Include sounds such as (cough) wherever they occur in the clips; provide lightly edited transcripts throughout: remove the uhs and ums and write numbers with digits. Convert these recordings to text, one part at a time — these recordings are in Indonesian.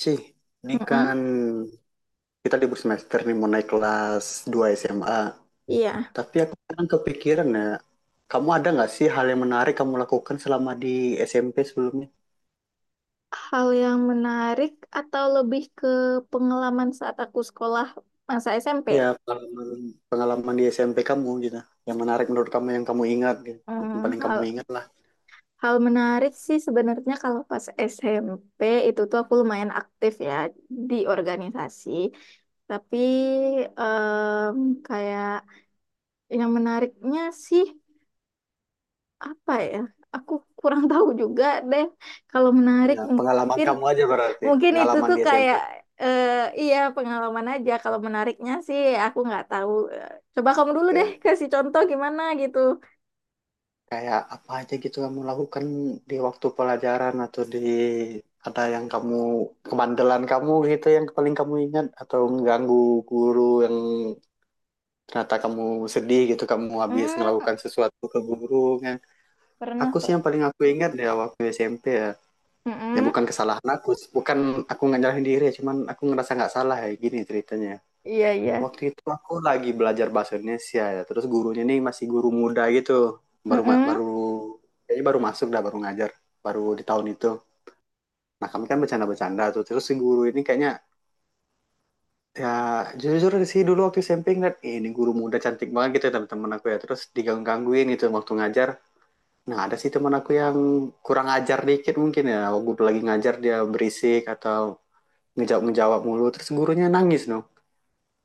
Ci, ini Mm-mm. kan kita libur semester nih mau naik kelas 2 SMA. Iya. Tapi aku kan kepikiran ya, kamu ada nggak sih hal yang menarik kamu lakukan selama di SMP sebelumnya? Hal yang menarik atau lebih ke pengalaman saat aku sekolah masa SMP? Ya, pengalaman, pengalaman di SMP kamu gitu. Yang menarik menurut kamu yang kamu ingat gitu. Yang Hmm, paling kamu hal ingat lah. hal menarik sih sebenarnya kalau pas SMP itu tuh aku lumayan aktif ya di organisasi. Tapi em, kayak yang menariknya sih apa ya? Aku kurang (laughs) tahu juga deh. Kalau menarik Ya, pengalaman mungkin kamu aja berarti. Mungkin itu Pengalaman tuh di SMP. kayak eh, iya pengalaman aja. Kalau menariknya sih aku nggak tahu. Eh, Coba kamu dulu deh Ya. kasih contoh gimana gitu. Kayak apa aja gitu kamu lakukan di waktu pelajaran atau ada yang kamu kemandelan kamu gitu yang paling kamu ingat, atau mengganggu guru yang ternyata kamu sedih gitu kamu habis Hmm, melakukan sesuatu ke guru kan. pernah. Aku sih yang paling aku ingat ya waktu SMP ya. Ya Mm-mm. bukan kesalahan aku, bukan, aku nggak nyalahin diri, ya, cuman aku ngerasa nggak salah, ya gini ceritanya. Iya, iya. Waktu itu aku lagi belajar bahasa Indonesia ya. Terus gurunya nih masih guru muda gitu. Baru Mm-mm. kayaknya baru masuk dah, baru ngajar. Baru di tahun itu. Nah, kami kan bercanda-bercanda tuh. Terus si guru ini kayaknya, ya jujur sih dulu waktu SMP ngeliat, "Ih, ini guru muda cantik banget gitu ya teman-teman aku ya." Terus diganggu-gangguin gitu waktu ngajar. Nah, ada sih teman aku yang kurang ajar dikit mungkin ya. Waktu lagi ngajar dia berisik atau ngejawab-ngejawab mulu. Terus gurunya nangis noh.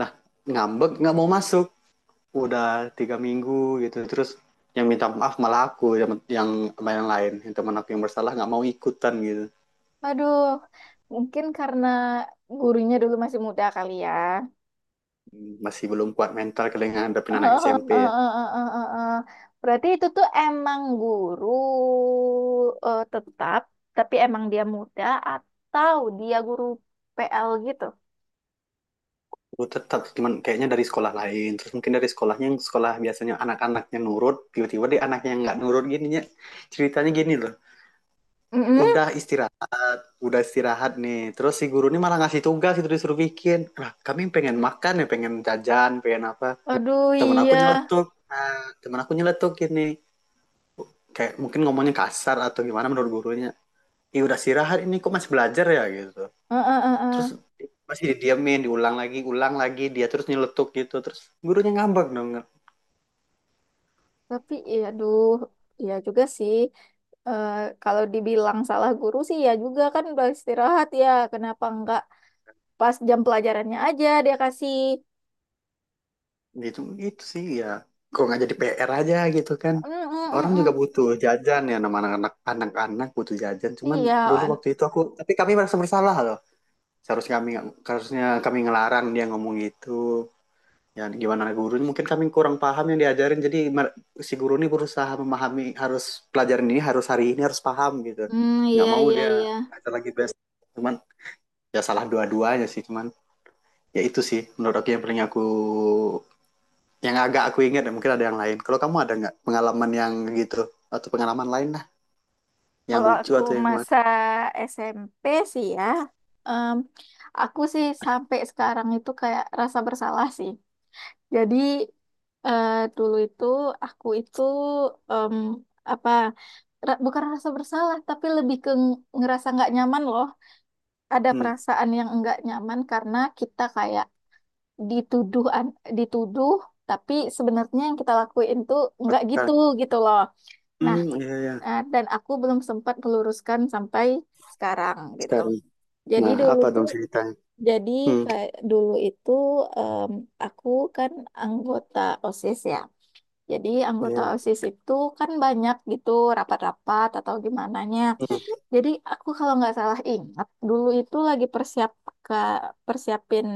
Nah, ngambek nggak mau masuk udah 3 minggu gitu. Terus yang minta maaf malah aku, yang yang lain yang teman aku yang bersalah nggak mau ikutan gitu. Aduh, mungkin karena gurunya dulu masih muda kali ya. Masih belum kuat mental kali ngadepin Oh, anak oh, SMP ya. oh, oh, oh, oh, oh. Berarti itu tuh emang guru tetap, tapi emang dia muda atau dia guru PL gitu? Aku tetap, cuman kayaknya dari sekolah lain. Terus mungkin dari sekolahnya, yang sekolah biasanya anak-anaknya nurut, tiba-tiba deh anaknya yang nggak nurut. Gini ya ceritanya, gini loh. Udah istirahat, udah istirahat nih, terus si guru ini malah ngasih tugas, itu disuruh bikin. Nah, kami pengen makan ya, pengen jajan, pengen apa. Aduh, Temen aku iya. nyeletuk, nah temen aku nyeletuk gini, kayak mungkin ngomongnya kasar atau gimana menurut gurunya. "Ih, udah istirahat ini kok masih belajar ya," gitu. Eh, eh, Terus eh, eh. masih didiamin, diulang lagi, ulang lagi dia terus nyeletuk gitu. Terus gurunya ngambek dong. Tapi iya, aduh, iya juga sih. Eh, kalau dibilang salah guru sih ya juga kan udah istirahat ya. Kenapa enggak pas jam pelajarannya aja dia kasih. Gitu gitu sih ya. Kok nggak jadi PR aja gitu kan, Mm, mm, orang mm, juga mm. butuh jajan ya, nama anak-anak, anak-anak butuh jajan. Cuman Iya, dulu Wan. waktu itu aku, tapi kami merasa bersalah loh. Seharusnya kami Harusnya kami ngelarang dia ngomong gitu. Ya gimana gurunya, mungkin kami kurang paham yang diajarin, jadi si guru ini berusaha memahami, harus pelajaran ini harus hari ini harus paham gitu, Hmm, nggak iya, mau iya, dia iya. ngajar lagi. Best cuman, ya salah dua-duanya sih. Cuman ya itu sih menurut aku, yang agak aku ingat. Dan mungkin ada yang lain, kalau kamu ada nggak pengalaman yang gitu, atau pengalaman lain lah yang Kalau lucu aku atau yang mana. masa SMP sih ya, em, aku sih sampai sekarang itu kayak rasa bersalah sih. Jadi Eh, dulu itu aku itu em, apa bukan rasa bersalah, tapi lebih ke ngerasa nggak nyaman loh. Ada Hmm perasaan yang nggak nyaman karena kita kayak dituduh dituduh, tapi sebenarnya yang kita lakuin tuh nggak aku kan gitu gitu loh. Nah, hmm Iya, iya. Dan aku belum sempat meluruskan sampai sekarang gitu. Sekarang, Jadi nah dulu apa tuh dong ceritanya? jadi hmm kayak dulu itu em, aku kan anggota OSIS ya. Jadi anggota iya. OSIS itu kan banyak gitu rapat-rapat atau gimananya. Hmm. Jadi aku kalau nggak salah ingat, dulu itu lagi ke persiapin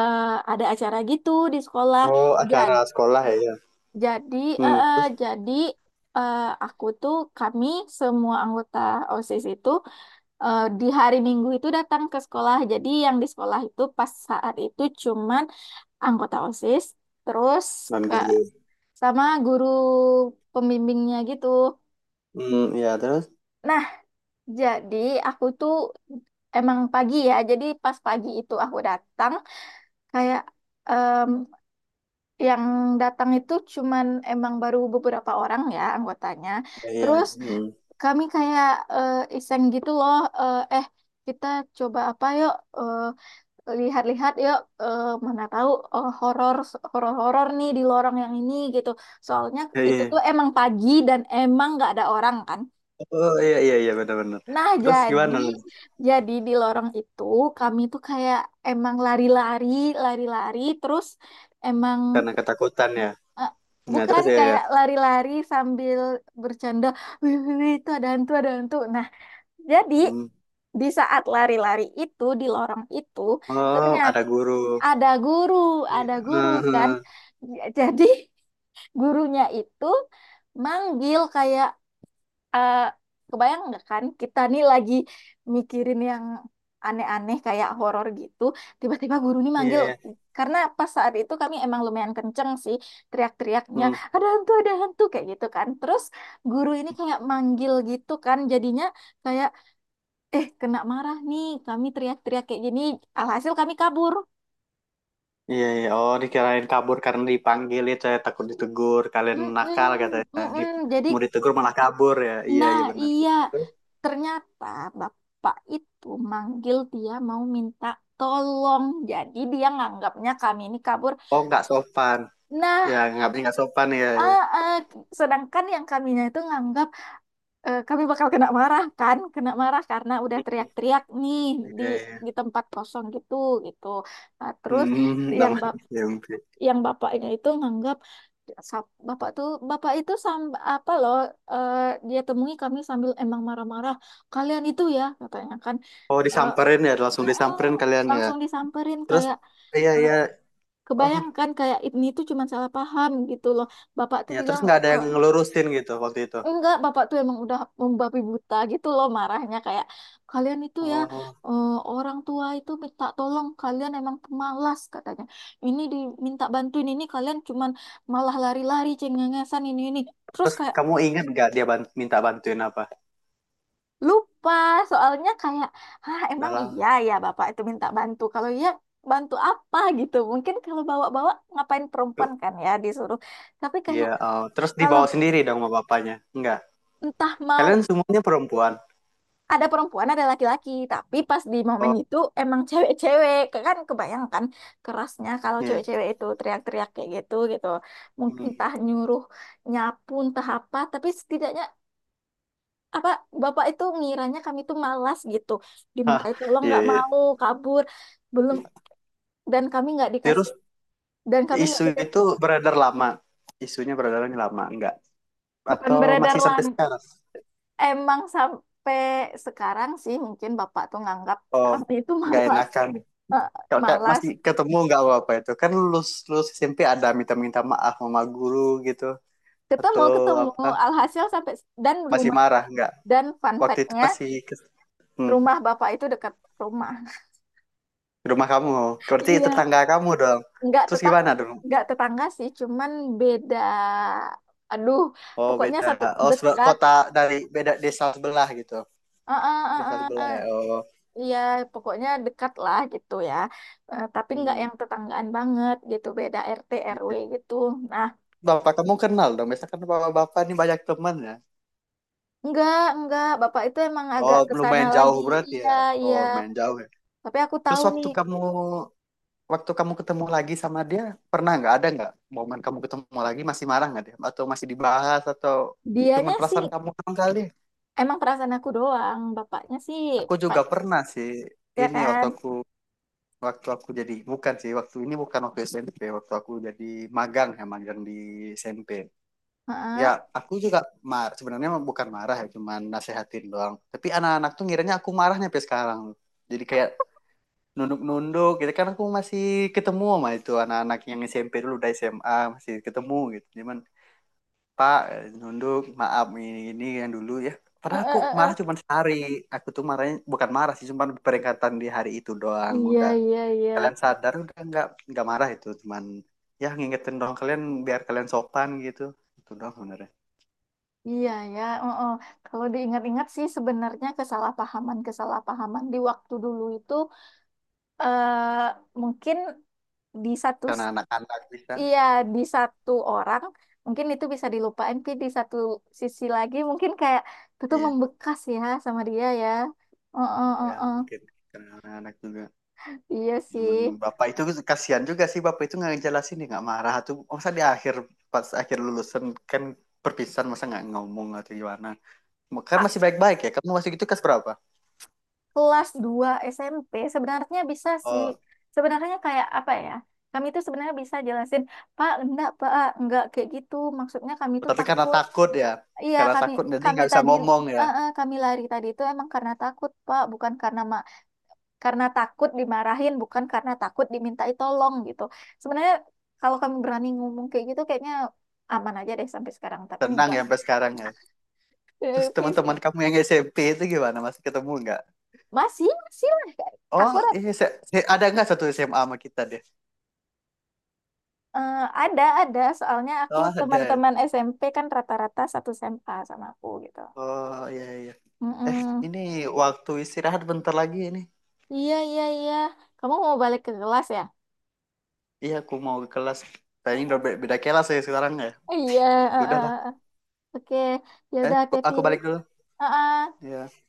eh, ada acara gitu di sekolah. Oh, acara Jadi sekolah ya, ya. jadi eh, eh, Terus? jadi eh, aku tuh kami semua anggota OSIS itu di hari Minggu itu datang ke sekolah. Jadi yang di sekolah itu pas saat itu cuman anggota OSIS, terus Non ke guru. sama guru pembimbingnya gitu. Hmm, ya terus? Nah, jadi aku tuh emang pagi ya. Jadi pas pagi itu aku datang, kayak em, yang datang itu cuman emang baru beberapa orang ya anggotanya. Iya. Terus Hmm. kami kayak eh, iseng gitu loh, eh eh, kita coba apa yuk, eh, lihat-lihat yuk, mana tahu, eh, horor horor-horor nih di lorong yang ini gitu. Soalnya Iya, itu iya. tuh emang pagi dan emang nggak ada orang kan. Oh, iya iya iya, benar-benar. Nah, Terus jadi gimana? jadi di lorong itu kami tuh kayak emang lari-lari terus emang Karena ketakutan ya. eh, Nah, bukan terus ya ya. kayak lari-lari sambil bercanda, wih, wih, wih, itu ada hantu, ada hantu. Nah, jadi Hmm. di saat lari-lari itu di lorong itu Oh, ternyata ada guru. ada guru, Iya. ada guru kan. Mhm. Jadi gurunya itu manggil, kayak eh, kebayang nggak kan kita nih lagi mikirin yang aneh-aneh kayak horor gitu. Tiba-tiba guru nih Iya, manggil. iya. Karena pas saat itu kami emang lumayan kenceng sih teriak-teriaknya, Hmm. Ada hantu kayak gitu kan. Terus guru ini kayak manggil gitu kan, jadinya kayak kena marah nih kami teriak-teriak kayak gini, alhasil kami kabur. Iya, iya. Oh, dikirain kabur karena dipanggil itu ya, takut ditegur. Kalian nakal Mm-mm, katanya. Di, mm-mm. Jadi, mau ditegur malah kabur ya. Iya, nah, iya benar. iya, Terus? ternyata bapak itu manggil dia mau minta tolong. Jadi dia nganggapnya kami ini kabur. Oh, nggak sopan. Ya, Nah, nggak sopan ya, ya. ah, ah, sedangkan yang kaminya itu nganggap kami bakal kena marah kan, kena marah karena udah teriak-teriak nih di Iya, iya. di tempat kosong gitu gitu. Nah, terus Hmm, yang namanya bap SMP. yang bapaknya itu nganggap bapak itu sam apa loh eh, dia temui kami sambil emang marah-marah, kalian itu ya katanya kan. Oh, Eh, disamperin ya, langsung "Mm-mm," disamperin kalian ya. langsung disamperin, Terus, kayak iya eh, iya. Oh, kebayangkan kayak ini tuh cuma salah paham gitu loh. Bapak tuh ya terus bilang, nggak ada yang "Eh, ngelurusin gitu waktu itu. Enggak, bapak tuh emang udah membabi buta gitu loh marahnya, kayak kalian itu ya, Oh. Orang tua itu minta tolong kalian emang pemalas katanya. Ini diminta bantuin ini kalian cuman malah lari-lari cengengesan ini ini. Terus Terus kayak kamu ingat nggak dia ban- minta bantuin apa? lupa, soalnya kayak emang Dalam. iya ya bapak itu minta bantu. Kalau iya bantu apa gitu. Mungkin kalau bawa-bawa, ngapain perempuan kan ya disuruh. Tapi Iya, kayak oh. Terus kalau dibawa sendiri dong sama bapaknya. Enggak. entah mau Kalian semuanya perempuan. ada perempuan ada laki-laki, tapi pas di momen Oh, itu emang cewek-cewek. Kan kebayangkan kerasnya kalau iya. cewek-cewek itu teriak-teriak kayak gitu gitu, mungkin Hmm. entah nyuruh nyapu entah apa, tapi setidaknya apa, bapak itu ngiranya kami itu malas gitu, Hah, diminta tolong iya, nggak iya. mau, kabur. Belum, dan kami nggak dikasih Terus dan kami nggak isu itu dikasih beredar lama. Isunya beredar lama, enggak? Bukan Atau beredar masih sampai lan sekarang? Emang sampai sekarang sih mungkin bapak tuh nganggap Oh, kami itu (laughs) nggak malas. enakan. eh, Kalau kayak Malas masih ketemu nggak apa-apa itu. Kan lulus, lulus SMP ada minta-minta maaf sama guru gitu. ketemu Atau ketemu. apa, Alhasil sampai, dan masih rumah, marah nggak dan fun waktu itu, fact-nya masih ke, hmm, rumah bapak itu dekat rumah. ke rumah kamu berarti Iya, tetangga kamu dong. nggak Terus tetang gimana dong? nggak tetangga sih, cuman beda, aduh, Oh pokoknya beda. satu Oh sebe- dekat. kota. Dari beda desa sebelah gitu, Eh, eh, eh, desa eh, sebelah eh. ya. Oh, Iya, pokoknya dekat lah gitu ya. Tapi nggak hmm. yang tetanggaan banget gitu, beda RT RW gitu, nah Bapak kamu kenal dong, biasanya kan bapak-bapak ini banyak teman ya. nggak nggak bapak itu emang agak Oh ke sana lumayan jauh lagi. berarti Iya, ya. iya, Oh lumayan jauh ya. tapi aku Terus tahu waktu nih, kamu, waktu kamu ketemu lagi sama dia, pernah nggak, ada nggak momen kamu ketemu lagi, masih marah nggak dia atau masih dibahas atau cuman dianya sih. perasaan kamu doang kali. Emang perasaan aku doang, bapaknya sih, Aku Pak, juga pernah sih, ya ini waktu kan? aku, waktu aku jadi, bukan sih waktu ini, bukan waktu SMP, waktu aku jadi magang ya, magang di SMP ya. Heeh. Aku juga mar- sebenarnya mah bukan marah ya, cuman nasehatin doang, tapi anak-anak tuh ngiranya aku marahnya sampai sekarang. Jadi kayak nunduk-nunduk gitu kan. Aku masih ketemu sama itu anak-anak yang SMP dulu, udah SMA, masih ketemu gitu. Cuman, "Pak," nunduk, "maaf ini yang dulu ya." Eh, Padahal eh, aku eh, marah eh. cuma sehari. Aku tuh marahnya bukan marah sih, cuma peringatan di hari itu doang, Iya, udah iya, iya. kalian sadar udah, nggak marah itu. Cuman ya ngingetin dong kalian biar kalian sopan gitu, itu doang sebenarnya. Iya ya, oh, oh. Kalau diingat-ingat sih sebenarnya kesalahpahaman-kesalahpahaman di waktu dulu itu eh mungkin di satu Karena s- anak-anak bisa, iya di satu orang mungkin itu bisa dilupain, tapi di satu sisi lagi mungkin kayak itu tuh iya membekas ya sama dia ya. Oh, oh, oh, ya oh. mungkin karena anak-anak juga. Iya Cuman sih. bapak itu, kasihan juga sih bapak itu nggak ngejelasin dia nggak marah tuh. Masa di akhir, pas akhir lulusan kan, perpisahan, masa nggak ngomong atau gimana. Kan masih baik-baik ya. Kamu masih gitu kelas berapa? Kelas 2 SMP sebenarnya bisa sih. Oh, Sebenarnya kayak apa ya? Kami itu sebenarnya bisa jelasin, Pak, enggak kayak gitu. Maksudnya kami itu tapi karena takut. takut ya. Iya, Karena kami takut jadi kami nggak bisa tadi ngomong ya. eh, eh, kami lari tadi itu emang karena takut, Pak, bukan karena ma karena takut dimarahin, bukan karena takut dimintai tolong gitu. Sebenarnya kalau kami berani ngomong kayak gitu kayaknya aman aja deh sampai sekarang, tapi Tenang enggak. ya sampai sekarang ya. Terus Eh, please, teman-teman enggak. kamu yang SMP itu gimana? Masih ketemu nggak? Masih, masih lah. Oh, Aku iya, se- se- ada nggak satu SMA sama kita deh? Eh, ada, ada. Soalnya aku Oh, ada. teman-teman SMP kan rata-rata satu SMA sama aku gitu. Oh, iya, iya. Eh, Mm-mm. ini waktu istirahat bentar lagi ini. Iya, iya, iya. Kamu mau balik ke kelas ya? Iya, aku mau ke kelas. Kayaknya udah Mm-mm. be- beda kelas ya sekarang ya. Iya. Ya eh, eh, udahlah. eh. Oke. Ya Eh, udah, aku balik Teti. dulu. Iya.